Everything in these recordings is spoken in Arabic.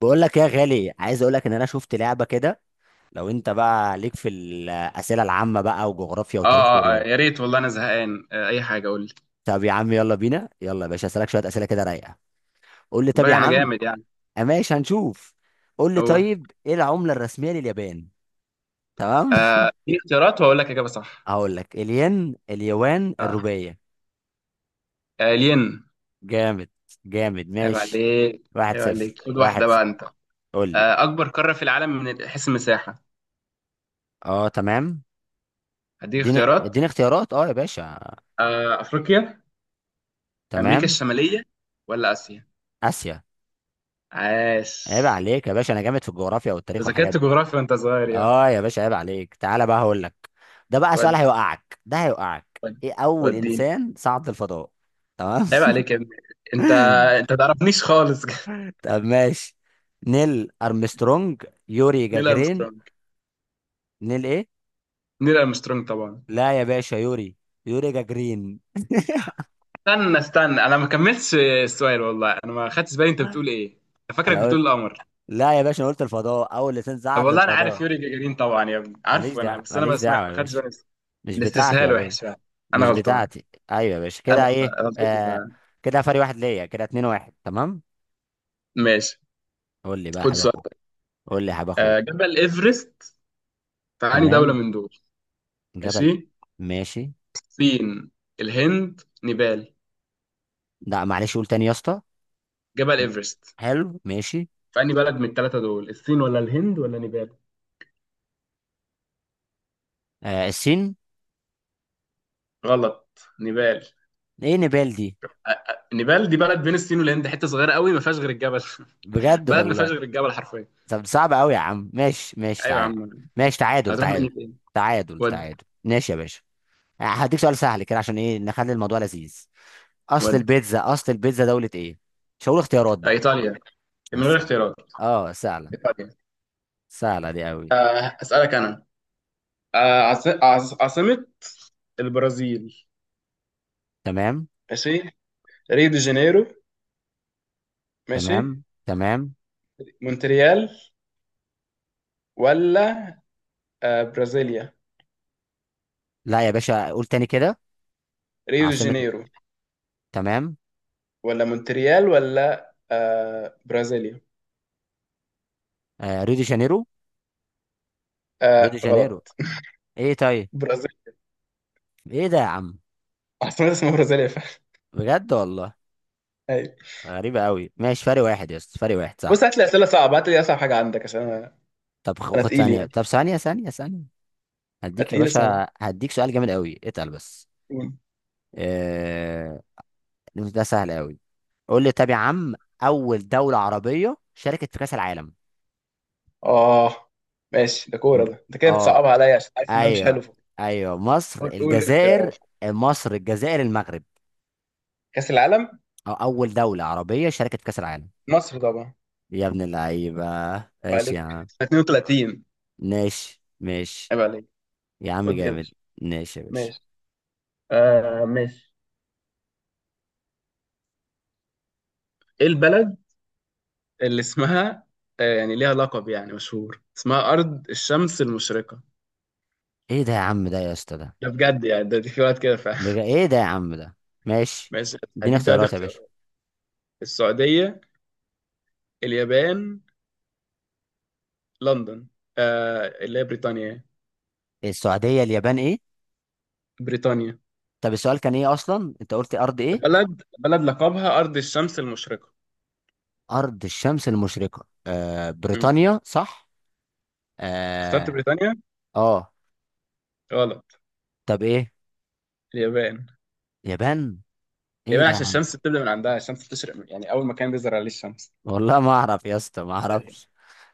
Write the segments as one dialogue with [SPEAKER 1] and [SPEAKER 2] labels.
[SPEAKER 1] بقول لك يا غالي، عايز اقول لك ان انا شفت لعبه كده. لو انت بقى ليك في الاسئله العامه بقى وجغرافيا وتاريخ ورياضه.
[SPEAKER 2] يا ريت والله انا زهقان اي حاجه قول لي.
[SPEAKER 1] طب يا عم يلا بينا، يلا يا باشا اسالك شويه اسئله كده رايقه. قول لي
[SPEAKER 2] خد
[SPEAKER 1] طب
[SPEAKER 2] بالك
[SPEAKER 1] يا
[SPEAKER 2] انا
[SPEAKER 1] عم.
[SPEAKER 2] جامد يعني.
[SPEAKER 1] آه ماشي، هنشوف. قول لي
[SPEAKER 2] اقول.
[SPEAKER 1] طيب، ايه العمله الرسميه لليابان؟ تمام.
[SPEAKER 2] دي اختيارات واقول لك اجابه صح.
[SPEAKER 1] هقول لك: الين، اليوان،
[SPEAKER 2] اه
[SPEAKER 1] الروبيه.
[SPEAKER 2] الين.
[SPEAKER 1] جامد. جامد
[SPEAKER 2] عيب
[SPEAKER 1] ماشي.
[SPEAKER 2] عليك.
[SPEAKER 1] واحد
[SPEAKER 2] عيب
[SPEAKER 1] صفر،
[SPEAKER 2] عليك خد واحده
[SPEAKER 1] واحد
[SPEAKER 2] بقى
[SPEAKER 1] صفر.
[SPEAKER 2] انت.
[SPEAKER 1] قول لي.
[SPEAKER 2] اكبر قاره في العالم من حيث المساحه؟
[SPEAKER 1] اه تمام.
[SPEAKER 2] هديك
[SPEAKER 1] اديني
[SPEAKER 2] اختيارات.
[SPEAKER 1] اديني اختيارات اه يا باشا.
[SPEAKER 2] افريقيا، امريكا
[SPEAKER 1] تمام.
[SPEAKER 2] الشماليه، ولا اسيا؟
[SPEAKER 1] اسيا.
[SPEAKER 2] عاش.
[SPEAKER 1] عيب عليك يا باشا، انا جامد في الجغرافيا والتاريخ
[SPEAKER 2] أنت
[SPEAKER 1] والحاجات
[SPEAKER 2] ذاكرت
[SPEAKER 1] دي.
[SPEAKER 2] جغرافيا وانت صغير يا.
[SPEAKER 1] اه يا باشا عيب عليك، تعالى بقى هقول لك. ده بقى سؤال
[SPEAKER 2] ود
[SPEAKER 1] هيوقعك، ده هيوقعك.
[SPEAKER 2] ود
[SPEAKER 1] ايه اول
[SPEAKER 2] وديني.
[SPEAKER 1] انسان صعد الفضاء؟ تمام.
[SPEAKER 2] عيب عليك يا ابني. انت انت تعرفنيش خالص
[SPEAKER 1] طب ماشي. نيل ارمسترونج، يوري
[SPEAKER 2] نيل
[SPEAKER 1] جاجرين.
[SPEAKER 2] ارمسترونج.
[SPEAKER 1] نيل ايه؟
[SPEAKER 2] نيل ارمسترونج طبعا.
[SPEAKER 1] لا يا باشا، يوري. يوري جاجرين.
[SPEAKER 2] استنى استنى انا ما كملتش السؤال، والله انا ما خدتش بالي انت بتقول ايه. انا فاكرك
[SPEAKER 1] انا
[SPEAKER 2] بتقول
[SPEAKER 1] قلت،
[SPEAKER 2] القمر.
[SPEAKER 1] لا يا باشا انا قلت الفضاء، اول انسان
[SPEAKER 2] طب
[SPEAKER 1] صعد
[SPEAKER 2] والله انا عارف
[SPEAKER 1] للفضاء.
[SPEAKER 2] يوري جاجارين طبعا يا ابني،
[SPEAKER 1] ماليش
[SPEAKER 2] عارفه انا،
[SPEAKER 1] دعوه،
[SPEAKER 2] بس انا ما
[SPEAKER 1] ماليش دعوه
[SPEAKER 2] سمعت
[SPEAKER 1] يا
[SPEAKER 2] ما خدتش
[SPEAKER 1] باشا.
[SPEAKER 2] بالي.
[SPEAKER 1] مش بتاعتي
[SPEAKER 2] الاستسهال
[SPEAKER 1] يا باشا.
[SPEAKER 2] وحش فعلا. انا
[SPEAKER 1] مش
[SPEAKER 2] غلطان.
[SPEAKER 1] بتاعتي. ايوه يا باشا
[SPEAKER 2] انا
[SPEAKER 1] كده،
[SPEAKER 2] غلطان
[SPEAKER 1] ايه
[SPEAKER 2] غلطتي
[SPEAKER 1] آه.
[SPEAKER 2] فعلا.
[SPEAKER 1] كده فرق واحد ليا، كده اتنين واحد. تمام.
[SPEAKER 2] ماشي.
[SPEAKER 1] قول لي بقى يا
[SPEAKER 2] خد
[SPEAKER 1] حبيبي.
[SPEAKER 2] سؤال.
[SPEAKER 1] قول لي يا حبيب اخوك.
[SPEAKER 2] جبل ايفرست في انهي دولة
[SPEAKER 1] تمام.
[SPEAKER 2] من دول؟
[SPEAKER 1] جبل.
[SPEAKER 2] ماشي.
[SPEAKER 1] ماشي.
[SPEAKER 2] الصين، الهند، نيبال.
[SPEAKER 1] لا معلش، قول تاني يا اسطى.
[SPEAKER 2] جبل ايفرست
[SPEAKER 1] حلو ماشي.
[SPEAKER 2] في انهي بلد من الثلاثة دول، الصين ولا الهند ولا نيبال؟
[SPEAKER 1] آه، السين.
[SPEAKER 2] غلط نيبال.
[SPEAKER 1] ايه نبال دي؟
[SPEAKER 2] نيبال دي بلد بين الصين والهند، حتة صغيرة قوي ما فيهاش غير الجبل
[SPEAKER 1] بجد
[SPEAKER 2] بلد ما فيهاش
[SPEAKER 1] والله؟
[SPEAKER 2] غير الجبل حرفيا.
[SPEAKER 1] طب صعب قوي يا عم، ماشي ماشي
[SPEAKER 2] ايوه يا
[SPEAKER 1] تعال.
[SPEAKER 2] عم.
[SPEAKER 1] ماشي، تعادل
[SPEAKER 2] هتروح
[SPEAKER 1] تعادل.
[SPEAKER 2] مني فين؟
[SPEAKER 1] تعادل
[SPEAKER 2] ودي.
[SPEAKER 1] تعادل، ماشي يا باشا. هديك سؤال سهل كده، عشان ايه نخلي الموضوع لذيذ. اصل
[SPEAKER 2] ودي.
[SPEAKER 1] البيتزا، اصل البيتزا دولة ايه؟ مش هقول اختيارات بقى.
[SPEAKER 2] ايطاليا. من غير
[SPEAKER 1] بس يعني.
[SPEAKER 2] اختيارات.
[SPEAKER 1] اه سهلة.
[SPEAKER 2] ايطاليا.
[SPEAKER 1] سهلة دي قوي.
[SPEAKER 2] اسالك انا. عاصمة البرازيل.
[SPEAKER 1] تمام
[SPEAKER 2] ماشي. ريو دي جانيرو. ماشي.
[SPEAKER 1] تمام. تمام.
[SPEAKER 2] مونتريال، ولا برازيليا.
[SPEAKER 1] لا يا باشا، قول تاني كده.
[SPEAKER 2] ريو دي
[SPEAKER 1] عاصمة.
[SPEAKER 2] جانيرو
[SPEAKER 1] تمام.
[SPEAKER 2] ولا مونتريال ولا برازيليا.
[SPEAKER 1] آه، ريو دي جانيرو. ريو دي جانيرو.
[SPEAKER 2] غلط.
[SPEAKER 1] ايه طيب؟
[SPEAKER 2] برازيل.
[SPEAKER 1] ايه ده يا عم؟
[SPEAKER 2] عاصمة اسمها برازيليا فعلا.
[SPEAKER 1] بجد والله؟
[SPEAKER 2] ايوه.
[SPEAKER 1] غريبة قوي. ماشي، فرق واحد يا اسطى، فرق واحد صح.
[SPEAKER 2] بص هات لي اسئله صعبه، هات لي اصعب حاجه عندك عشان انا.
[SPEAKER 1] طب
[SPEAKER 2] انا
[SPEAKER 1] خد
[SPEAKER 2] تقيل
[SPEAKER 1] ثانية،
[SPEAKER 2] يعني.
[SPEAKER 1] طب ثانية ثانية ثانية.
[SPEAKER 2] أنا
[SPEAKER 1] هديك يا
[SPEAKER 2] تقيل اسمها.
[SPEAKER 1] باشا، هديك سؤال جامد قوي، اتقل بس. آه... ده سهل قوي. قول لي طب يا عم، أول دولة عربية شاركت في كأس العالم.
[SPEAKER 2] اه. ماشي ده كوره،
[SPEAKER 1] م-
[SPEAKER 2] ده انت كده
[SPEAKER 1] اه.
[SPEAKER 2] بتصعبها عليا عشان عارف ان انا مش
[SPEAKER 1] ايوه.
[SPEAKER 2] حلو في الكورة.
[SPEAKER 1] ايوه مصر،
[SPEAKER 2] قول قول
[SPEAKER 1] الجزائر.
[SPEAKER 2] اختيارات.
[SPEAKER 1] مصر، الجزائر، المغرب.
[SPEAKER 2] كاس العالم.
[SPEAKER 1] أو أول دولة عربية شاركت في كأس العالم.
[SPEAKER 2] مصر طبعا.
[SPEAKER 1] يا ابن اللعيبة.
[SPEAKER 2] عيب
[SPEAKER 1] ايش يا
[SPEAKER 2] عليك.
[SPEAKER 1] عم.
[SPEAKER 2] سنة 32.
[SPEAKER 1] ماشي ماشي.
[SPEAKER 2] عيب عليك.
[SPEAKER 1] يا عم
[SPEAKER 2] خد يا
[SPEAKER 1] جامد.
[SPEAKER 2] باشا.
[SPEAKER 1] ماشي يا باشا.
[SPEAKER 2] ماشي. ماشي. ايه البلد اللي اسمها، يعني ليها لقب يعني مشهور، اسمها ارض الشمس المشرقه؟
[SPEAKER 1] ايه ده يا عم؟ ده يا اسطى ده؟
[SPEAKER 2] ده بجد يعني، ده دي في وقت كده فعلا.
[SPEAKER 1] ايه ده يا عم ده؟ ماشي.
[SPEAKER 2] ماشي
[SPEAKER 1] اديني
[SPEAKER 2] هديك ده
[SPEAKER 1] اختيارات يا باشا.
[SPEAKER 2] اختيارات. السعوديه، اليابان، لندن، اللي هي بريطانيا.
[SPEAKER 1] السعودية، اليابان، ايه؟
[SPEAKER 2] بريطانيا.
[SPEAKER 1] طب السؤال كان ايه اصلا؟ انت قلت ارض ايه؟
[SPEAKER 2] بلد بلد لقبها ارض الشمس المشرقه.
[SPEAKER 1] ارض الشمس المشرقة. آه، بريطانيا صح.
[SPEAKER 2] اخترت
[SPEAKER 1] اه.
[SPEAKER 2] بريطانيا.
[SPEAKER 1] اه.
[SPEAKER 2] غلط.
[SPEAKER 1] طب ايه؟
[SPEAKER 2] اليابان.
[SPEAKER 1] يابان. ايه
[SPEAKER 2] اليابان
[SPEAKER 1] ده يا
[SPEAKER 2] عشان
[SPEAKER 1] عم؟
[SPEAKER 2] الشمس بتبدأ من عندها، الشمس بتشرق من يعني أول مكان بيظهر عليه الشمس.
[SPEAKER 1] والله ما اعرف يا اسطى، ما اعرفش.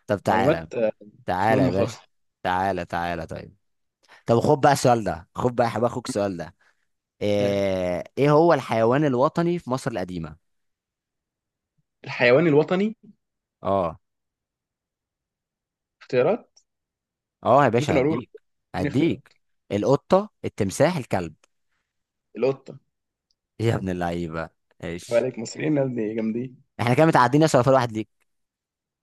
[SPEAKER 1] طب تعالى.
[SPEAKER 2] معلومات مش
[SPEAKER 1] تعالى يا
[SPEAKER 2] مهمة خالص.
[SPEAKER 1] باشا. تعالى تعالى طيب. طب خد بقى السؤال ده، خد بقى يا حبيبي اخوك السؤال ده.
[SPEAKER 2] يعني
[SPEAKER 1] آه، ايه هو الحيوان الوطني في مصر القديمة؟
[SPEAKER 2] الحيوان الوطني.
[SPEAKER 1] اه.
[SPEAKER 2] اختيارات.
[SPEAKER 1] اه يا
[SPEAKER 2] ممكن
[SPEAKER 1] باشا،
[SPEAKER 2] أقول لك.
[SPEAKER 1] هديك.
[SPEAKER 2] اديني
[SPEAKER 1] هديك.
[SPEAKER 2] اختيارات.
[SPEAKER 1] القطة، التمساح، الكلب.
[SPEAKER 2] القطة.
[SPEAKER 1] يا ابن اللعيبة.
[SPEAKER 2] يبقى
[SPEAKER 1] ماشي.
[SPEAKER 2] عليك مصريين يا ابني جامدين.
[SPEAKER 1] احنا كده متعدين يا صفر واحد ليك.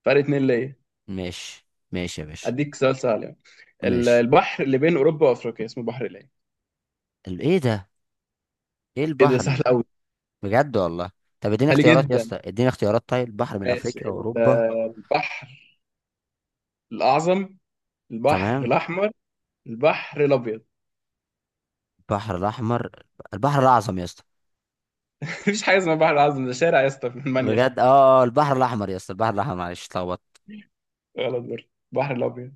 [SPEAKER 2] فرق اتنين ليا.
[SPEAKER 1] ماشي ماشي يا باشا.
[SPEAKER 2] أديك سؤال سهل يعني.
[SPEAKER 1] ماشي.
[SPEAKER 2] البحر اللي بين أوروبا وأفريقيا اسمه بحر إيه؟
[SPEAKER 1] ايه ده؟ ايه
[SPEAKER 2] إيه ده
[SPEAKER 1] البحر
[SPEAKER 2] سهل أوي.
[SPEAKER 1] بجد والله؟ طب اديني
[SPEAKER 2] سهل
[SPEAKER 1] اختيارات يا
[SPEAKER 2] جدا.
[SPEAKER 1] اسطى، اديني اختيارات طيب. البحر من
[SPEAKER 2] ماشي.
[SPEAKER 1] افريقيا واوروبا.
[SPEAKER 2] البحر الأعظم، البحر
[SPEAKER 1] تمام.
[SPEAKER 2] الأحمر، البحر الأبيض.
[SPEAKER 1] البحر الاحمر. البحر الاعظم يا اسطى.
[SPEAKER 2] مفيش حاجة اسمها بحر الأعظم، ده شارع يا اسطى في المانيا.
[SPEAKER 1] بجد اه. آه، البحر الاحمر يا اسطى، البحر الاحمر، معلش اتلخبطت.
[SPEAKER 2] غلط برضه. البحر الأبيض.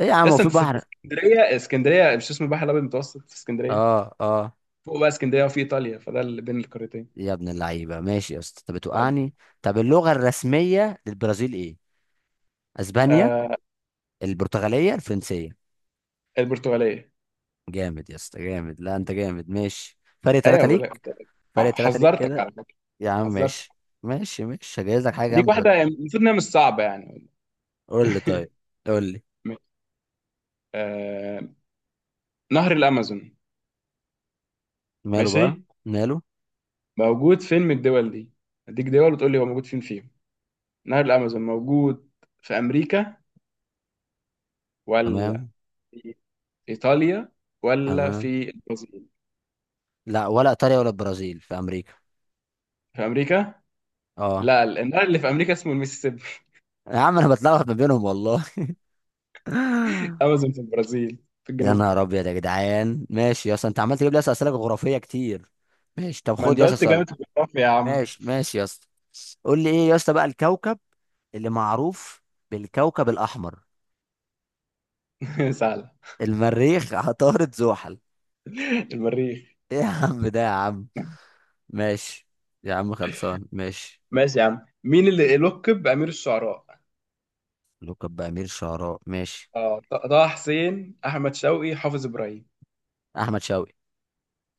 [SPEAKER 1] ايه يا عم، هو
[SPEAKER 2] يس
[SPEAKER 1] في
[SPEAKER 2] انت في
[SPEAKER 1] بحر؟
[SPEAKER 2] اسكندريه، اسكندريه مش اسمه البحر الابيض المتوسط في اسكندريه؟
[SPEAKER 1] اه اه.
[SPEAKER 2] فوق بقى اسكندريه وفي ايطاليا، فده اللي بين القارتين.
[SPEAKER 1] يا ابن اللعيبه، ماشي يا اسطى، انت
[SPEAKER 2] طيب.
[SPEAKER 1] بتوقعني. طب اللغه الرسميه للبرازيل ايه؟ اسبانيا.
[SPEAKER 2] آه
[SPEAKER 1] البرتغاليه، الفرنسيه.
[SPEAKER 2] البرتغاليه.
[SPEAKER 1] جامد يا اسطى، جامد. لا انت جامد ماشي. فرق
[SPEAKER 2] ايوه
[SPEAKER 1] ثلاثة
[SPEAKER 2] بقول لك.
[SPEAKER 1] ليك. فرق ثلاثة ليك
[SPEAKER 2] حذرتك
[SPEAKER 1] كده.
[SPEAKER 2] على فكره.
[SPEAKER 1] يا عم
[SPEAKER 2] حذرتك.
[SPEAKER 1] ماشي. ماشي ماشي، هجهز لك حاجه
[SPEAKER 2] ديك
[SPEAKER 1] جامده
[SPEAKER 2] واحده
[SPEAKER 1] دلوقتي.
[SPEAKER 2] يعني المفروض انها مش صعبه يعني.
[SPEAKER 1] قول لي طيب. قول لي.
[SPEAKER 2] ماشي. آه نهر الامازون.
[SPEAKER 1] ماله بقى؟
[SPEAKER 2] ماشي.
[SPEAKER 1] ماله؟
[SPEAKER 2] موجود فين من الدول دي؟ اديك دول وتقول لي هو موجود فين فيهم. نهر الامازون موجود في امريكا، ولا
[SPEAKER 1] تمام.
[SPEAKER 2] في ايطاليا، ولا
[SPEAKER 1] تمام.
[SPEAKER 2] في البرازيل؟
[SPEAKER 1] لا، ولا ايطاليا ولا البرازيل، في امريكا.
[SPEAKER 2] في امريكا.
[SPEAKER 1] اه.
[SPEAKER 2] لا النهر اللي في امريكا اسمه الميسيسيبي.
[SPEAKER 1] يا عم انا بتلخبط ما بينهم والله.
[SPEAKER 2] امازون في البرازيل، في
[SPEAKER 1] يا
[SPEAKER 2] الجنوب.
[SPEAKER 1] نهار ابيض يا جدعان، ماشي يا اسطى، انت عمال تجيب لي يا اسطى اسئله جغرافيه كتير. ماشي، طب
[SPEAKER 2] ما
[SPEAKER 1] خد
[SPEAKER 2] انت
[SPEAKER 1] يا اسطى
[SPEAKER 2] قلت
[SPEAKER 1] سؤال.
[SPEAKER 2] جامعة الجغرافيا يا عم.
[SPEAKER 1] ماشي ماشي يا اسطى. قول لي ايه يا اسطى بقى الكوكب اللي معروف بالكوكب الاحمر؟
[SPEAKER 2] سهلة.
[SPEAKER 1] المريخ. عطارد، زحل.
[SPEAKER 2] المريخ.
[SPEAKER 1] ايه يا عم ده يا عم؟ ماشي. يا عم خلصان ماشي.
[SPEAKER 2] ماشي يا عم. مين اللي لقب بأمير الشعراء؟
[SPEAKER 1] لقب بأمير شعراء. ماشي.
[SPEAKER 2] اه طه حسين، أحمد شوقي، حافظ إبراهيم.
[SPEAKER 1] احمد شوقي.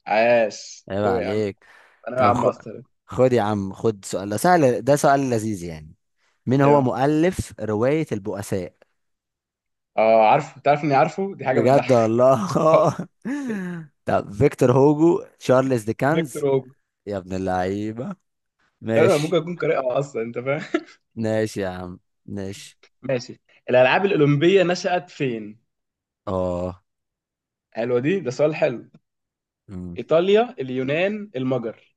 [SPEAKER 2] عاش
[SPEAKER 1] عيب
[SPEAKER 2] هو يا عم.
[SPEAKER 1] عليك.
[SPEAKER 2] أنا يا
[SPEAKER 1] طب
[SPEAKER 2] عم أصلا.
[SPEAKER 1] خد يا عم، خد سؤال. ده سهل، ده سؤال لذيذ يعني. مين
[SPEAKER 2] إيه
[SPEAKER 1] هو
[SPEAKER 2] بقى؟
[SPEAKER 1] مؤلف رواية البؤساء؟
[SPEAKER 2] اه عارفه، تعرف إني عارفه، دي حاجة
[SPEAKER 1] بجد
[SPEAKER 2] بتضحك.
[SPEAKER 1] والله. طب فيكتور هوجو، تشارلز ديكنز.
[SPEAKER 2] فيكتور هوجو.
[SPEAKER 1] يا ابن اللعيبة.
[SPEAKER 2] أنا ممكن
[SPEAKER 1] ماشي.
[SPEAKER 2] أكون قارئها أصلا أنت فاهم.
[SPEAKER 1] ماشي يا عم. ماشي.
[SPEAKER 2] ماشي. الألعاب الأولمبية نشأت فين؟
[SPEAKER 1] اه.
[SPEAKER 2] حلوة دي، ده سؤال حلو.
[SPEAKER 1] أمم.
[SPEAKER 2] إيطاليا، اليونان، المجر.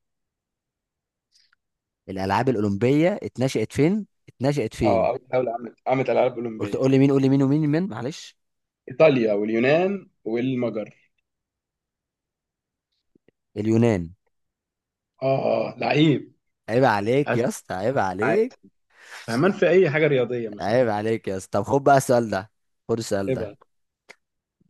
[SPEAKER 1] الألعاب الأولمبية اتنشأت فين؟ اتنشأت
[SPEAKER 2] اه
[SPEAKER 1] فين؟
[SPEAKER 2] أول دولة عملت ألعاب
[SPEAKER 1] قلت
[SPEAKER 2] أولمبية.
[SPEAKER 1] قول لي مين، قول لي مين معلش.
[SPEAKER 2] ايطاليا واليونان والمجر.
[SPEAKER 1] اليونان.
[SPEAKER 2] اه اه لعيب.
[SPEAKER 1] عيب عليك يا
[SPEAKER 2] أسود،
[SPEAKER 1] اسطى، عيب
[SPEAKER 2] عادي.
[SPEAKER 1] عليك.
[SPEAKER 2] فهمان في اي حاجه رياضيه ما شاء الله.
[SPEAKER 1] عيب عليك يا اسطى. طب خد بقى السؤال ده. خد السؤال
[SPEAKER 2] ايه
[SPEAKER 1] ده.
[SPEAKER 2] بقى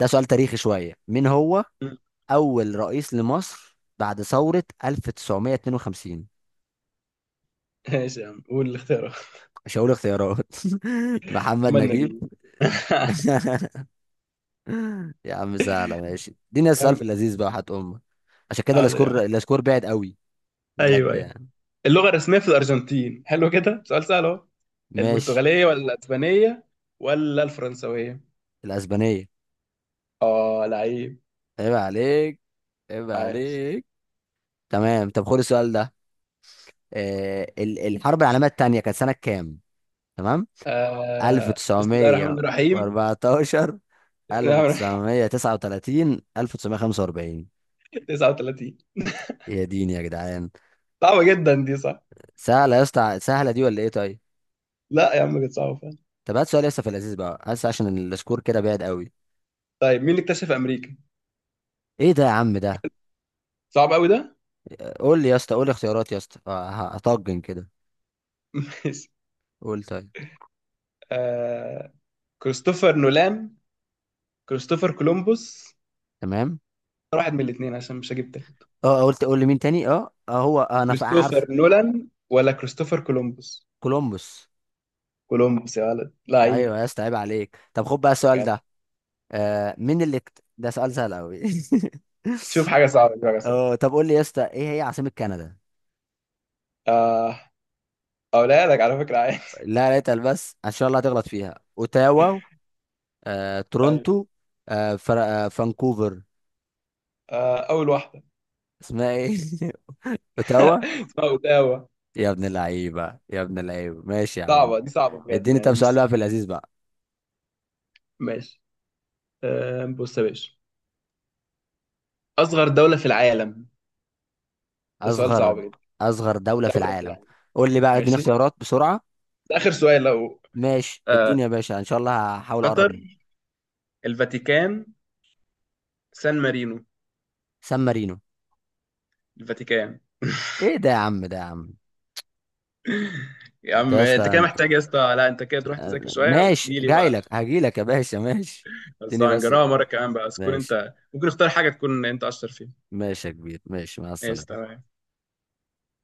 [SPEAKER 1] ده سؤال تاريخي شوية. مين هو
[SPEAKER 2] مم.
[SPEAKER 1] أول رئيس لمصر بعد ثورة 1952؟
[SPEAKER 2] ماشي يا عم قول الاختيارات.
[SPEAKER 1] مش هقول اختيارات. محمد
[SPEAKER 2] محمد
[SPEAKER 1] نجيب.
[SPEAKER 2] نجيب.
[SPEAKER 1] يا عم سهلة. ماشي، اديني السؤال في
[SPEAKER 2] تمام.
[SPEAKER 1] اللذيذ بقى، حت امك. عشان كده
[SPEAKER 2] حاضر يا عم.
[SPEAKER 1] الاسكور، الاسكور بعد قوي.
[SPEAKER 2] ايوه
[SPEAKER 1] بجد
[SPEAKER 2] ايوه.
[SPEAKER 1] يعني.
[SPEAKER 2] اللغه الرسميه في الارجنتين، حلو كده سؤال سهل اهو.
[SPEAKER 1] ماشي.
[SPEAKER 2] البرتغاليه ولا الاسبانيه ولا الفرنسويه؟
[SPEAKER 1] الاسبانية.
[SPEAKER 2] اه لعيب.
[SPEAKER 1] عيب عليك. عيب
[SPEAKER 2] عاش.
[SPEAKER 1] عليك. تمام. طب خد السؤال ده. آه، الحرب العالمية التانية كانت سنة كام؟ تمام.
[SPEAKER 2] بسم الله الرحمن الرحيم.
[SPEAKER 1] 1914،
[SPEAKER 2] بسم الله الرحمن
[SPEAKER 1] 1939، 1945.
[SPEAKER 2] الرحيم 39
[SPEAKER 1] يا ديني يا جدعان.
[SPEAKER 2] صعبه جدا دي صح.
[SPEAKER 1] سهلة يا اسطى، سهلة دي ولا ايه طيب.
[SPEAKER 2] لا يا عم كانت صعبه فعلا.
[SPEAKER 1] طب هات سؤال لسه في اللذيذ بقى، هات، عشان السكور كده بعيد قوي.
[SPEAKER 2] طيب مين اللي اكتشف امريكا.
[SPEAKER 1] ايه ده يا عم ده؟
[SPEAKER 2] صعب قوي ده.
[SPEAKER 1] قول لي يا اسطى، قول لي اختيارات يا اسطى، هطجن كده.
[SPEAKER 2] ماشي.
[SPEAKER 1] قول طيب.
[SPEAKER 2] آه... كريستوفر نولان، كريستوفر كولومبوس.
[SPEAKER 1] تمام.
[SPEAKER 2] واحد من الاثنين عشان مش هجيب تالت.
[SPEAKER 1] اه قلت قول لي مين تاني؟ اه، هو انا عارف.
[SPEAKER 2] كريستوفر نولان ولا كريستوفر كولومبوس؟
[SPEAKER 1] كولومبوس.
[SPEAKER 2] كولومبوس يا ولد لعيب.
[SPEAKER 1] ايوه يا اسطى، عيب عليك. طب خد بقى السؤال
[SPEAKER 2] جدع.
[SPEAKER 1] ده. آه، ده سؤال سهل قوي.
[SPEAKER 2] شوف حاجة صعبة، شوف حاجة صعبة.
[SPEAKER 1] اه طب قول لي يا اسطى، ايه هي عاصمة كندا؟
[SPEAKER 2] آه... أقولها لك على فكرة عادي
[SPEAKER 1] لا لا، اتقل بس، ان شاء الله هتغلط فيها. اوتاوا.
[SPEAKER 2] أيوة.
[SPEAKER 1] تورونتو. فانكوفر.
[SPEAKER 2] أول واحدة
[SPEAKER 1] اسمها ايه؟ اوتاوا.
[SPEAKER 2] اسمها أوتاوا.
[SPEAKER 1] يا ابن اللعيبة، يا ابن اللعيبة، ماشي يا عم.
[SPEAKER 2] صعبة دي صعبة بجد
[SPEAKER 1] اديني طب
[SPEAKER 2] يعني،
[SPEAKER 1] سؤال
[SPEAKER 2] مش
[SPEAKER 1] بقى في اللذيذ بقى.
[SPEAKER 2] ماشي. بص يا باشا، أصغر دولة في العالم. ده سؤال
[SPEAKER 1] اصغر
[SPEAKER 2] صعب جدا.
[SPEAKER 1] اصغر دولة في
[SPEAKER 2] دولة في
[SPEAKER 1] العالم.
[SPEAKER 2] العالم.
[SPEAKER 1] قول لي بقى، اديني
[SPEAKER 2] ماشي
[SPEAKER 1] اختيارات بسرعة.
[SPEAKER 2] ده آخر سؤال لو.
[SPEAKER 1] ماشي،
[SPEAKER 2] آه...
[SPEAKER 1] اديني يا باشا، ان شاء الله هحاول اقرب منه.
[SPEAKER 2] قطر، الفاتيكان، سان مارينو.
[SPEAKER 1] سان مارينو.
[SPEAKER 2] الفاتيكان
[SPEAKER 1] ايه ده يا عم ده يا عم؟
[SPEAKER 2] يا
[SPEAKER 1] انت
[SPEAKER 2] عم
[SPEAKER 1] يا اسطى
[SPEAKER 2] انت كده
[SPEAKER 1] انت.
[SPEAKER 2] محتاج يا اسطى، لا انت كده تروح تذاكر شويه
[SPEAKER 1] ماشي
[SPEAKER 2] وتجي لي
[SPEAKER 1] جاي
[SPEAKER 2] بقى.
[SPEAKER 1] لك، هجي لك يا باشا، ماشي.
[SPEAKER 2] بس
[SPEAKER 1] اديني بس.
[SPEAKER 2] هنجربها مره كمان بقى، بس تكون
[SPEAKER 1] ماشي.
[SPEAKER 2] انت ممكن اختار حاجه تكون انت اشطر فيها.
[SPEAKER 1] ماشي يا كبير، ماشي مع
[SPEAKER 2] ماشي
[SPEAKER 1] السلامة.
[SPEAKER 2] تمام.